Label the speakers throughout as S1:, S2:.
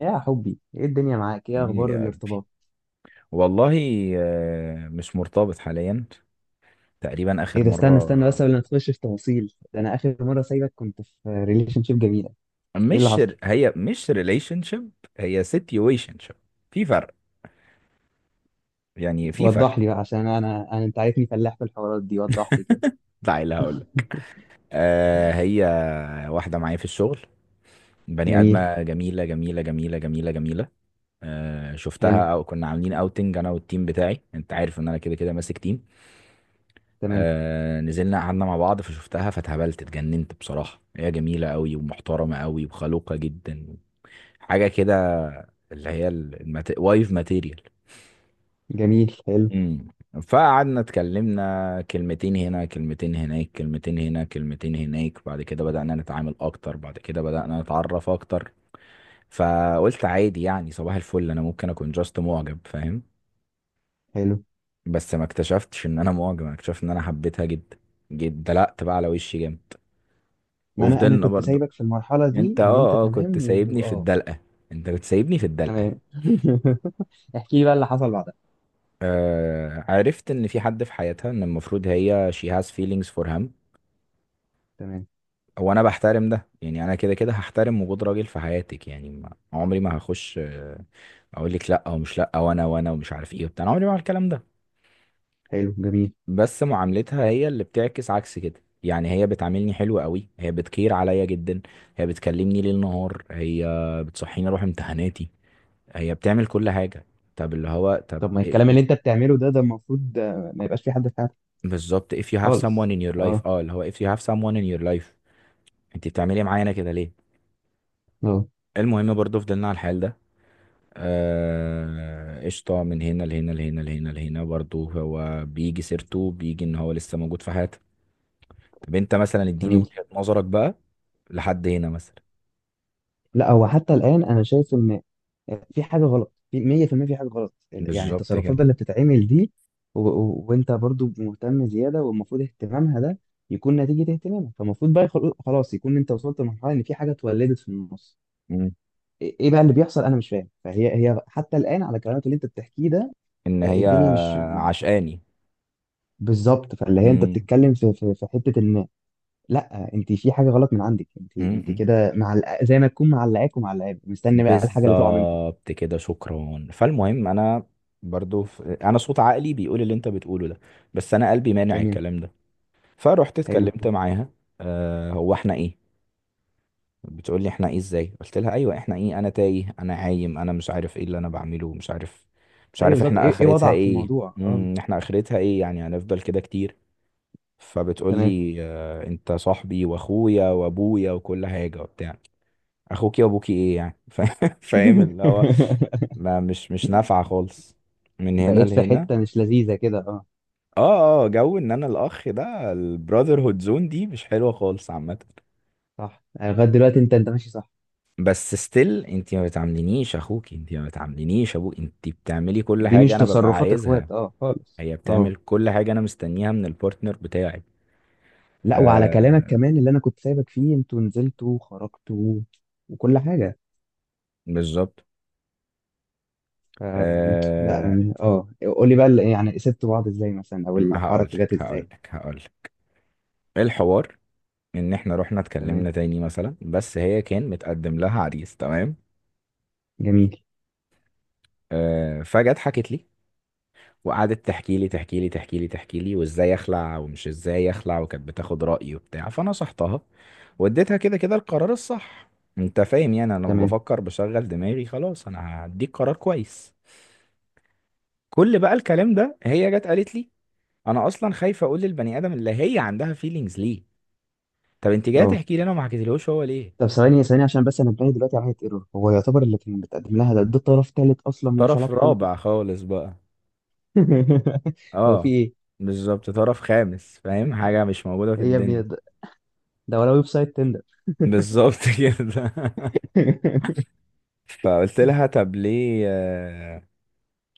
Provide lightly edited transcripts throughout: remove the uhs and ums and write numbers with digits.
S1: يا حبي ايه الدنيا معاك؟ ايه
S2: ايه
S1: اخبار
S2: يا قلبي.
S1: الارتباط؟
S2: والله. مش مرتبط حاليا، تقريبا
S1: ايه
S2: اخر
S1: ده، استنى
S2: مره.
S1: بس قبل ما تخش في تفاصيل ده، انا اخر مره سايبك كنت في ريليشن شيب جميله. ايه اللي
S2: مش
S1: حصل؟
S2: هي، مش ريليشن شيب، هي سيتويشن شيب. في فرق، يعني في فرق.
S1: وضح لي بقى عشان انا انت عارفني فلاح في الحوارات دي، وضح لي كده.
S2: تعالى اللي هقول لك. هي واحده معايا في الشغل، بني
S1: جميل.
S2: ادمه جميله جميله جميله جميله جميله.
S1: حلو.
S2: شفتها او كنا عاملين اوتنج انا والتيم بتاعي، انت عارف ان انا كده كده ماسك تيم.
S1: تمام.
S2: نزلنا قعدنا مع بعض فشفتها فتهبلت اتجننت بصراحة، هي جميلة قوي ومحترمة قوي وخلوقة جدا. حاجه كده اللي هي وايف ماتيريال.
S1: جميل. حلو.
S2: امم فقعدنا اتكلمنا كلمتين هنا كلمتين هناك كلمتين هنا كلمتين هناك. بعد كده بدأنا نتعامل اكتر، بعد كده بدأنا نتعرف اكتر. فقلت عادي يعني صباح الفل، انا ممكن اكون جاست معجب، فاهم؟
S1: حلو.
S2: بس ما اكتشفتش ان انا معجب، انا اكتشفت ان انا حبيتها جدا جدا. دلقت بقى على وشي جامد
S1: ما انا
S2: وفضلنا
S1: كنت
S2: برضو.
S1: سايبك في المرحله
S2: انت
S1: دي ان انت
S2: كنت
S1: تمام
S2: سايبني في
S1: واه.
S2: الدلقة، انت كنت سايبني في الدلقة.
S1: تمام. احكي لي بقى اللي حصل بعدها.
S2: عرفت ان في حد في حياتها، ان المفروض هي she has feelings for him.
S1: تمام.
S2: وانا بحترم ده، يعني انا كده كده هحترم وجود راجل في حياتك، يعني ما عمري ما هخش، اقول لك لا ومش لا وانا وانا ومش عارف ايه وبتاع. أنا عمري ما هعمل الكلام ده.
S1: حلو. جميل.
S2: بس معاملتها هي اللي بتعكس عكس كده، يعني هي بتعاملني حلو قوي، هي بتكير عليا جدا، هي بتكلمني ليل نهار، هي بتصحيني اروح امتحاناتي، هي بتعمل كل حاجة. طب اللي هو طب
S1: طب ما الكلام اللي انت
S2: if-
S1: بتعمله ده، ده المفروض ما يبقاش في حد في حياتك.
S2: بالظبط if you have someone
S1: خالص.
S2: in your life.
S1: اه.
S2: اه اللي هو if you have someone in your life، انت بتعملي معانا كده ليه؟
S1: اه.
S2: المهم برضو فضلنا على الحال ده. قشطة، من هنا لهنا لهنا لهنا لهنا، برضو هو بيجي سيرته، بيجي ان هو لسه موجود في حياتها. طب انت مثلا اديني
S1: جميل.
S2: وجهة نظرك بقى، لحد هنا مثلا.
S1: لا، هو حتى الآن أنا شايف إن في حاجة غلط في 100% في المية، في حاجة غلط يعني.
S2: بالظبط
S1: التصرفات
S2: كده.
S1: بقى اللي بتتعمل دي، وأنت برضو مهتم زيادة، والمفروض اهتمامها ده يكون نتيجة اهتمامك. فالمفروض بقى خلاص يكون أنت وصلت لمرحلة إن في حاجة اتولدت في النص.
S2: مم.
S1: إيه إيه بقى اللي بيحصل؟ أنا مش فاهم. فهي هي حتى الآن على كلامك اللي أنت بتحكيه ده،
S2: ان هي
S1: الدنيا مش
S2: عشقاني.
S1: بالظبط. فاللي هي أنت
S2: مم.
S1: بتتكلم في حتة إن لا، أنت في حاجة غلط من عندك. أنت
S2: مم.
S1: أنت
S2: مم.
S1: كده مع زي ما تكون معلقاك ومعلقاك، مستني بقى الحاجة اللي تقع منكم.
S2: بالظبط كده، شكرا. فالمهم انا برضو انا صوت عقلي بيقول اللي انت بتقوله ده، بس انا قلبي مانع
S1: ده
S2: الكلام ده. فرحت
S1: حلو.
S2: اتكلمت معاها. آه هو احنا ايه، بتقول لي احنا ايه؟ ازاي قلت لها ايوه احنا ايه؟ انا تايه، انا عايم، انا مش عارف ايه اللي انا بعمله، مش عارف، مش
S1: ايوه
S2: عارف
S1: بالظبط.
S2: احنا
S1: ايه إيه
S2: اخرتها
S1: وضعك في
S2: ايه.
S1: الموضوع؟ اه.
S2: احنا اخرتها ايه يعني؟ هنفضل كده كتير؟ فبتقول
S1: تمام.
S2: لي اه انت صاحبي واخويا وابويا وكل حاجه وبتاع. اخوكي وابوكي ايه يعني؟ فاهم اللي هو ما مش نافعه خالص، من هنا
S1: بقيت في
S2: لهنا.
S1: حته مش لذيذه كده، اه.
S2: اه اه، جو ان انا الاخ ده، البراذر هود زون دي مش حلوه خالص عامه.
S1: صح. يعني لغايه دلوقتي انت انت ماشي صح.
S2: بس ستيل انت ما بتعاملينيش اخوك، انت ما بتعاملينيش ابوك، انت بتعملي كل
S1: دي
S2: حاجه
S1: مش
S2: انا ببقى
S1: تصرفات
S2: عايزها.
S1: اخوات، اه خالص،
S2: هي
S1: اه.
S2: بتعمل كل حاجه انا مستنيها من البارتنر بتاعي.
S1: لا، وعلى كلامك
S2: آه.
S1: كمان اللي انا كنت سايبك فيه، انتوا نزلتوا وخرجتوا وكل حاجه.
S2: بالظبط.
S1: ف... لا
S2: آه.
S1: أنا- اه، قول لي بقى يعني سبتوا بعض ازاي مثلا، او
S2: هقول
S1: الحركه جت
S2: لك هقول
S1: ازاي.
S2: لك هقول لك الحوار، ان احنا رحنا
S1: تمام.
S2: اتكلمنا تاني مثلا، بس هي كان متقدم لها عريس، تمام.
S1: جميل.
S2: آه فجت حكت لي، وقعدت تحكي لي تحكي لي تحكي لي تحكي لي، وازاي اخلع ومش ازاي اخلع، وكانت بتاخد رأيي وبتاع. فانا صحتها واديتها كده كده القرار الصح. انت فاهم يعني؟ انا لما
S1: تمام.
S2: بفكر بشغل دماغي، خلاص انا هديك قرار كويس. كل بقى الكلام ده هي جت قالت لي، انا اصلا خايفه اقول للبني ادم اللي هي عندها فيلينجز ليه. طب انت جايه
S1: اه.
S2: تحكي لي، انا ما حكيتلهوش هو ليه؟
S1: طب ثواني ثواني عشان بس انا انتبه دلوقتي على حته ايرور. هو يعتبر اللي كان بتقدم لها ده، ده طرف ثالث اصلا ملوش
S2: طرف
S1: علاقه بيكم.
S2: رابع خالص بقى.
S1: هو في
S2: اه.
S1: ايه؟
S2: بالظبط، طرف خامس، فاهم؟ حاجه مش موجوده في
S1: ايه يا ابني
S2: الدنيا.
S1: ده؟ ده ولا ويب سايت تندر؟
S2: بالظبط كده. فقلت لها طب ليه،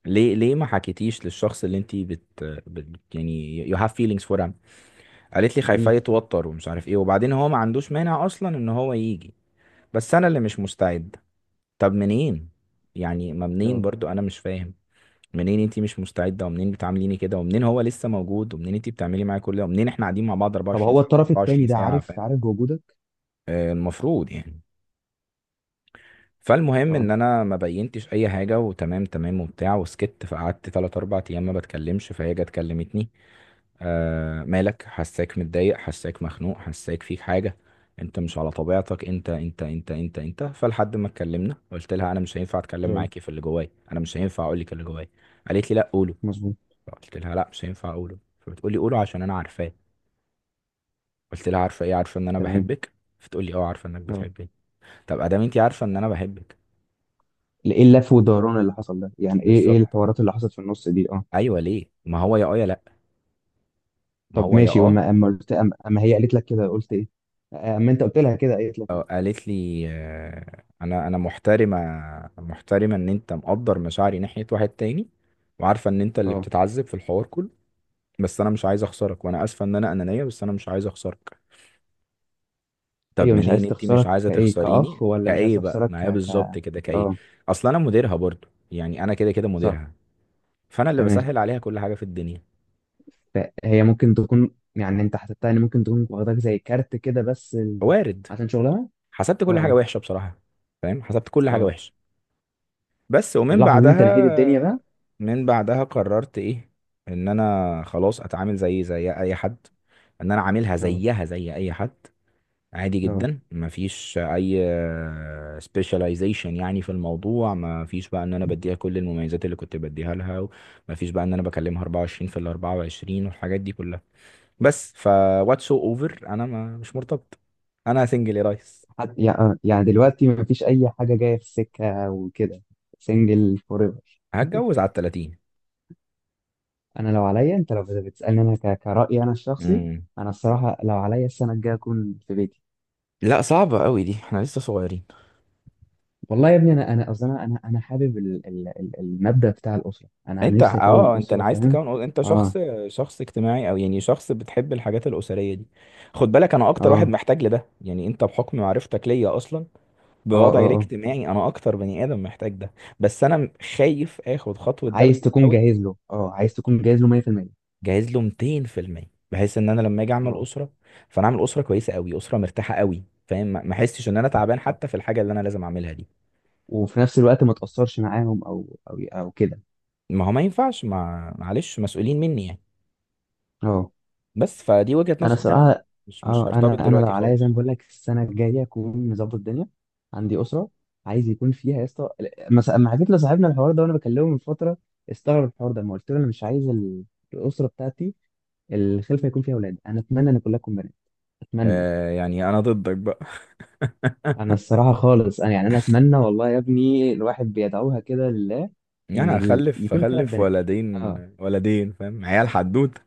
S2: ليه ليه ما حكيتيش للشخص اللي انت بت, بت يعني you have feelings for him. قالت لي خايفاه
S1: جميل.
S2: يتوتر ومش عارف ايه، وبعدين هو ما عندوش مانع اصلا ان هو يجي، بس انا اللي مش مستعد. طب منين يعني؟ ما منين
S1: اه.
S2: برضو انا مش فاهم، منين انت مش مستعده، ومنين بتعامليني كده، ومنين هو لسه موجود، ومنين انت بتعملي معايا كل ده، ومنين احنا قاعدين مع بعض
S1: طب
S2: 24
S1: هو
S2: ساعه
S1: الطرف
S2: 24
S1: التاني ده
S2: ساعه،
S1: عارف،
S2: فاهم؟
S1: عارف بوجودك؟
S2: آه، المفروض يعني. فالمهم ان
S1: اه.
S2: انا ما بينتش اي حاجه، وتمام تمام وبتاع وسكت. فقعدت 3 4 ايام ما بتكلمش، فهي جت كلمتني، آه مالك، حساك متضايق، حساك مخنوق، حساك فيك حاجه، انت مش على طبيعتك، انت انت انت انت انت. فلحد ما اتكلمنا قلت لها انا مش هينفع اتكلم
S1: اه.
S2: معاكي في اللي جوايا، انا مش هينفع اقول لك اللي جوايا. قالت لي لا قوله.
S1: مظبوط.
S2: قلت لها لا مش هينفع اقوله. فبتقولي قوله عشان انا عارفاه. قلت لها عارفه ايه؟ عارفه ان انا
S1: تمام.
S2: بحبك. فتقولي اه عارفه انك
S1: اه.
S2: بتحبني. طب ادام انت عارفه ان انا بحبك،
S1: ايه اللف والدوران اللي حصل ده؟ يعني ايه ايه
S2: بالظبط،
S1: الحوارات اللي حصلت في النص دي؟ اه.
S2: ايوه ليه؟ ما هو يا اه يا لا، ما
S1: طب
S2: هو يا
S1: ماشي.
S2: اه.
S1: وما اما قلت، اما أما هي قالت لك كده قلت ايه؟ اما انت قلت لها كده قالت لك
S2: قالت لي، انا محترمه، محترمه ان انت مقدر مشاعري ناحيه واحد تاني، وعارفه ان انت اللي
S1: ايه؟
S2: بتتعذب في الحوار كله، بس انا مش عايز اخسرك. وانا اسفه ان انا انانيه، بس انا مش عايز اخسرك. طب
S1: ايوه، مش
S2: منين
S1: عايز
S2: انت مش
S1: تخسرك
S2: عايزه
S1: كايه كاخ،
S2: تخسريني؟
S1: ولا مش عايز
S2: كايه بقى؟
S1: تخسرك
S2: ما هي
S1: ك ك.
S2: بالظبط كده كايه.
S1: اه.
S2: اصل انا مديرها برضو، يعني انا كده كده
S1: صح.
S2: مديرها، فانا اللي
S1: تمام.
S2: بسهل عليها كل حاجه في الدنيا.
S1: فهي ممكن تكون يعني، انت حسبتها ان ممكن تكون واخداك زي كارت كده بس ال...
S2: وارد.
S1: عشان شغلها.
S2: حسبت كل حاجه
S1: اه.
S2: وحشه بصراحه، فاهم؟ حسبت كل حاجه
S1: اه.
S2: وحشه. بس
S1: في
S2: ومن
S1: اللحظه دي انت نهيت الدنيا بقى.
S2: بعدها، من بعدها قررت ايه، ان انا خلاص اتعامل زي زي اي حد، ان انا عاملها
S1: اه.
S2: زيها زي اي حد، عادي
S1: اه.
S2: جدا، مفيش اي سبيشاليزيشن يعني في الموضوع، مفيش بقى ان انا بديها كل المميزات اللي كنت بديها لها، مفيش بقى ان انا بكلمها 24 في ال 24 والحاجات دي كلها. بس ف، واتس سو اوفر، انا ما مش مرتبط، انا سنجل يا ريس.
S1: حد... يع- يعني دلوقتي مفيش اي حاجه جايه في السكه وكده. سنجل فور ايفر.
S2: هتجوز على ال 30.
S1: انا لو عليا، انت لو بتسالني، انا ك... كرايي انا الشخصي،
S2: امم
S1: انا الصراحه لو عليا، السنه الجايه اكون في بيتي.
S2: لا صعبة قوي دي، احنا لسه صغيرين.
S1: والله يا ابني، انا اصلا انا أنا حابب المبدأ بتاع الاسره. أنا
S2: انت اه
S1: نفسي اكون
S2: اه،
S1: اسره،
S2: انا عايز
S1: فاهم.
S2: تكون انت شخص،
S1: اه.
S2: شخص اجتماعي او يعني شخص بتحب الحاجات الاسريه دي. خد بالك انا اكتر واحد
S1: اه.
S2: محتاج لده، يعني انت بحكم معرفتك ليا اصلا
S1: اه.
S2: بوضعي
S1: اه. اه.
S2: الاجتماعي، انا اكتر بني ادم محتاج ده. بس انا خايف اخد خطوه ده
S1: عايز
S2: بدري
S1: تكون
S2: قوي.
S1: جاهز له، اه عايز تكون جاهز له 100%.
S2: جاهز له 200%، بحيث ان انا لما اجي اعمل
S1: اه.
S2: اسره، فانا اعمل اسره كويسه قوي، اسره مرتاحه قوي، فاهم؟ ما ما احسش ان انا تعبان
S1: صح.
S2: حتى في الحاجه اللي انا لازم اعملها دي.
S1: وفي نفس الوقت ما تاثرش معاهم او كده.
S2: ما هو ما ينفعش، ما معلش، مسؤولين مني يعني.
S1: اه.
S2: بس فدي وجهه
S1: انا
S2: نظري، يعني انا
S1: صراحه.
S2: مش
S1: اه.
S2: هرتبط
S1: انا لو
S2: دلوقتي
S1: عليا، زي ما
S2: خالص.
S1: بقول لك، السنه الجايه اكون مظبط الدنيا. عندي اسره عايز يكون فيها، يا اسطى. مس- لما حكيت لصاحبنا الحوار ده وانا بكلمه من فتره، استغرب الحوار ده. ما قلت له انا مش عايز الاسره بتاعتي، الخلفه يكون فيها اولاد. انا اتمنى ان كلها تكون بنات. اتمنى.
S2: آه يعني انا ضدك بقى.
S1: انا الصراحه خالص، انا يعني انا اتمنى، والله يا ابني، الواحد بيدعوها كده لله، ان
S2: يعني
S1: ال...
S2: هخلف
S1: يكون ثلاث
S2: هخلف
S1: بنات.
S2: ولدين
S1: اه.
S2: ولدين، فاهم؟ عيال حدوته.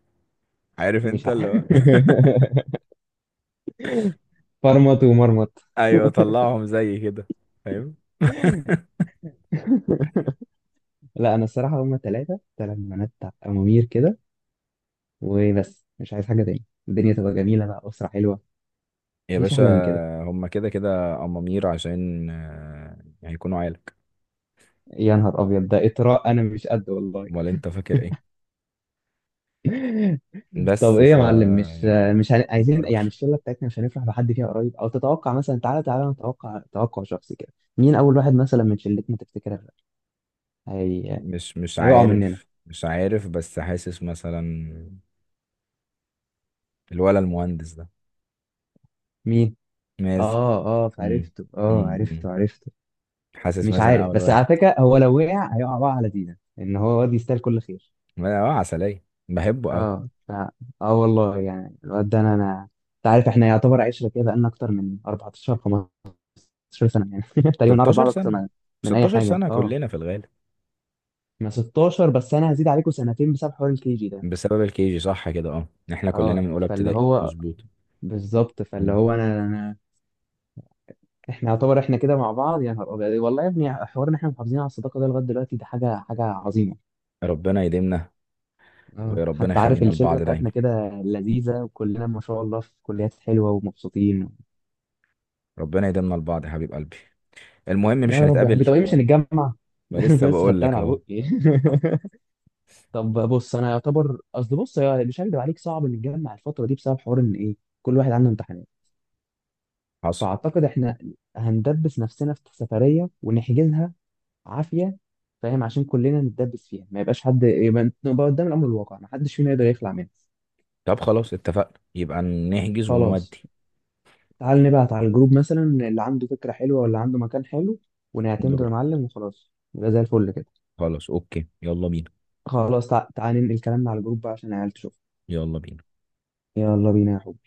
S2: عارف انت
S1: مش
S2: اللي
S1: عارف.
S2: هو
S1: فرمط ومرمط.
S2: ايوه طلعهم زي كده، فاهم؟
S1: لا انا الصراحه هما ثلاثه، ثلاث بنات، امامير كده. وبس، مش عايز حاجه تاني. الدنيا تبقى جميله بقى، اسره حلوه،
S2: يا
S1: مفيش
S2: باشا،
S1: احلى من كده.
S2: هما كده كده أمامير، عشان هيكونوا عيالك،
S1: يا نهار ابيض، ده اطراء، انا مش قد والله.
S2: ولا انت فاكر ايه؟
S1: طب
S2: بس
S1: ايه
S2: ف
S1: يا معلم؟ مش
S2: يعني
S1: عايزين يعني
S2: قرار.
S1: الشله بتاعتنا مش هنفرح بحد فيها قريب، او تتوقع مثلا؟ تعالى نتوقع، توقع شخصي كده، مين اول واحد مثلا من شلتنا تفتكر هي...
S2: مش مش
S1: هيقع مننا؟
S2: عارف، مش عارف، بس حاسس مثلا الولا المهندس ده،
S1: مين؟
S2: ماز.
S1: اه اه
S2: مم.
S1: فعرفته، اه
S2: مم. مم.
S1: عرفته عرفته.
S2: حاسس
S1: مش
S2: مثلا
S1: عارف
S2: اول
S1: بس، على
S2: واحد.
S1: فكره، هو لو وقع هيقع بقى على دينا، ان هو واد يستاهل كل خير.
S2: اه، عسلية بحبه قوي.
S1: اه. ف... اه والله يعني الواد ده، انا انا، انت عارف احنا يعتبر عشره كده، بقالنا اكتر من 14 15 سنه يعني. تقريبا نعرف
S2: 16
S1: بعض اكتر
S2: سنة،
S1: من من اي
S2: 16
S1: حاجه.
S2: سنة
S1: اه.
S2: كلنا في الغالب.
S1: احنا 16، بس انا هزيد عليكم سنتين بسبب حوار الكي جي ده.
S2: بسبب الكيجي صح كده، اه احنا كلنا
S1: اه.
S2: من اولى
S1: فاللي
S2: ابتدائي،
S1: هو،
S2: مظبوط.
S1: بالظبط فاللي
S2: مم.
S1: هو أنا احنا يعتبر احنا كده مع بعض. يا نهار ابيض والله يا ابني، حوار ان احنا محافظين على الصداقه ده لغايه دلوقتي، ده حاجه عظيمه.
S2: ربنا يديمنا.
S1: اه.
S2: وربنا
S1: حتى عارف
S2: يخلينا
S1: الشله
S2: لبعض دايما،
S1: بتاعتنا كده لذيذه، وكلنا ما شاء الله في كليات حلوه ومبسوطين.
S2: ربنا يديمنا لبعض يا حبيب قلبي. المهم مش
S1: يا رب يا حبيبي.
S2: هنتقابل؟
S1: طب ايه، مش هنتجمع؟
S2: ولسه
S1: بس
S2: بقول
S1: خدتها من
S2: لك
S1: على
S2: اهو.
S1: بقي. طب بص، انا يعتبر قصدي، بص يا- مش هكدب عليك، صعب نتجمع الفتره دي بسبب حوار ان ايه، كل واحد عنده امتحانات.
S2: حصل.
S1: فاعتقد احنا هندبس نفسنا في سفريه ونحجزها عافيه، فاهم؟ عشان كلنا نتدبس فيها، ما يبقاش حد، يبقى نبقى قدام الامر الواقع، ما حدش فينا يقدر يخلع منها.
S2: طب خلاص اتفقنا، يبقى نحجز
S1: خلاص.
S2: ونودي.
S1: تعال نبعت على الجروب مثلا اللي عنده فكره حلوه ولا عنده مكان حلو، ونعتمده
S2: نروح،
S1: يا معلم، وخلاص يبقى زي الفل كده.
S2: خلاص، اوكي، يلا بينا.
S1: خلاص. تعال ننقل كلامنا على الجروب بقى عشان العيال تشوف.
S2: يلا بينا.
S1: يلا بينا يا حب.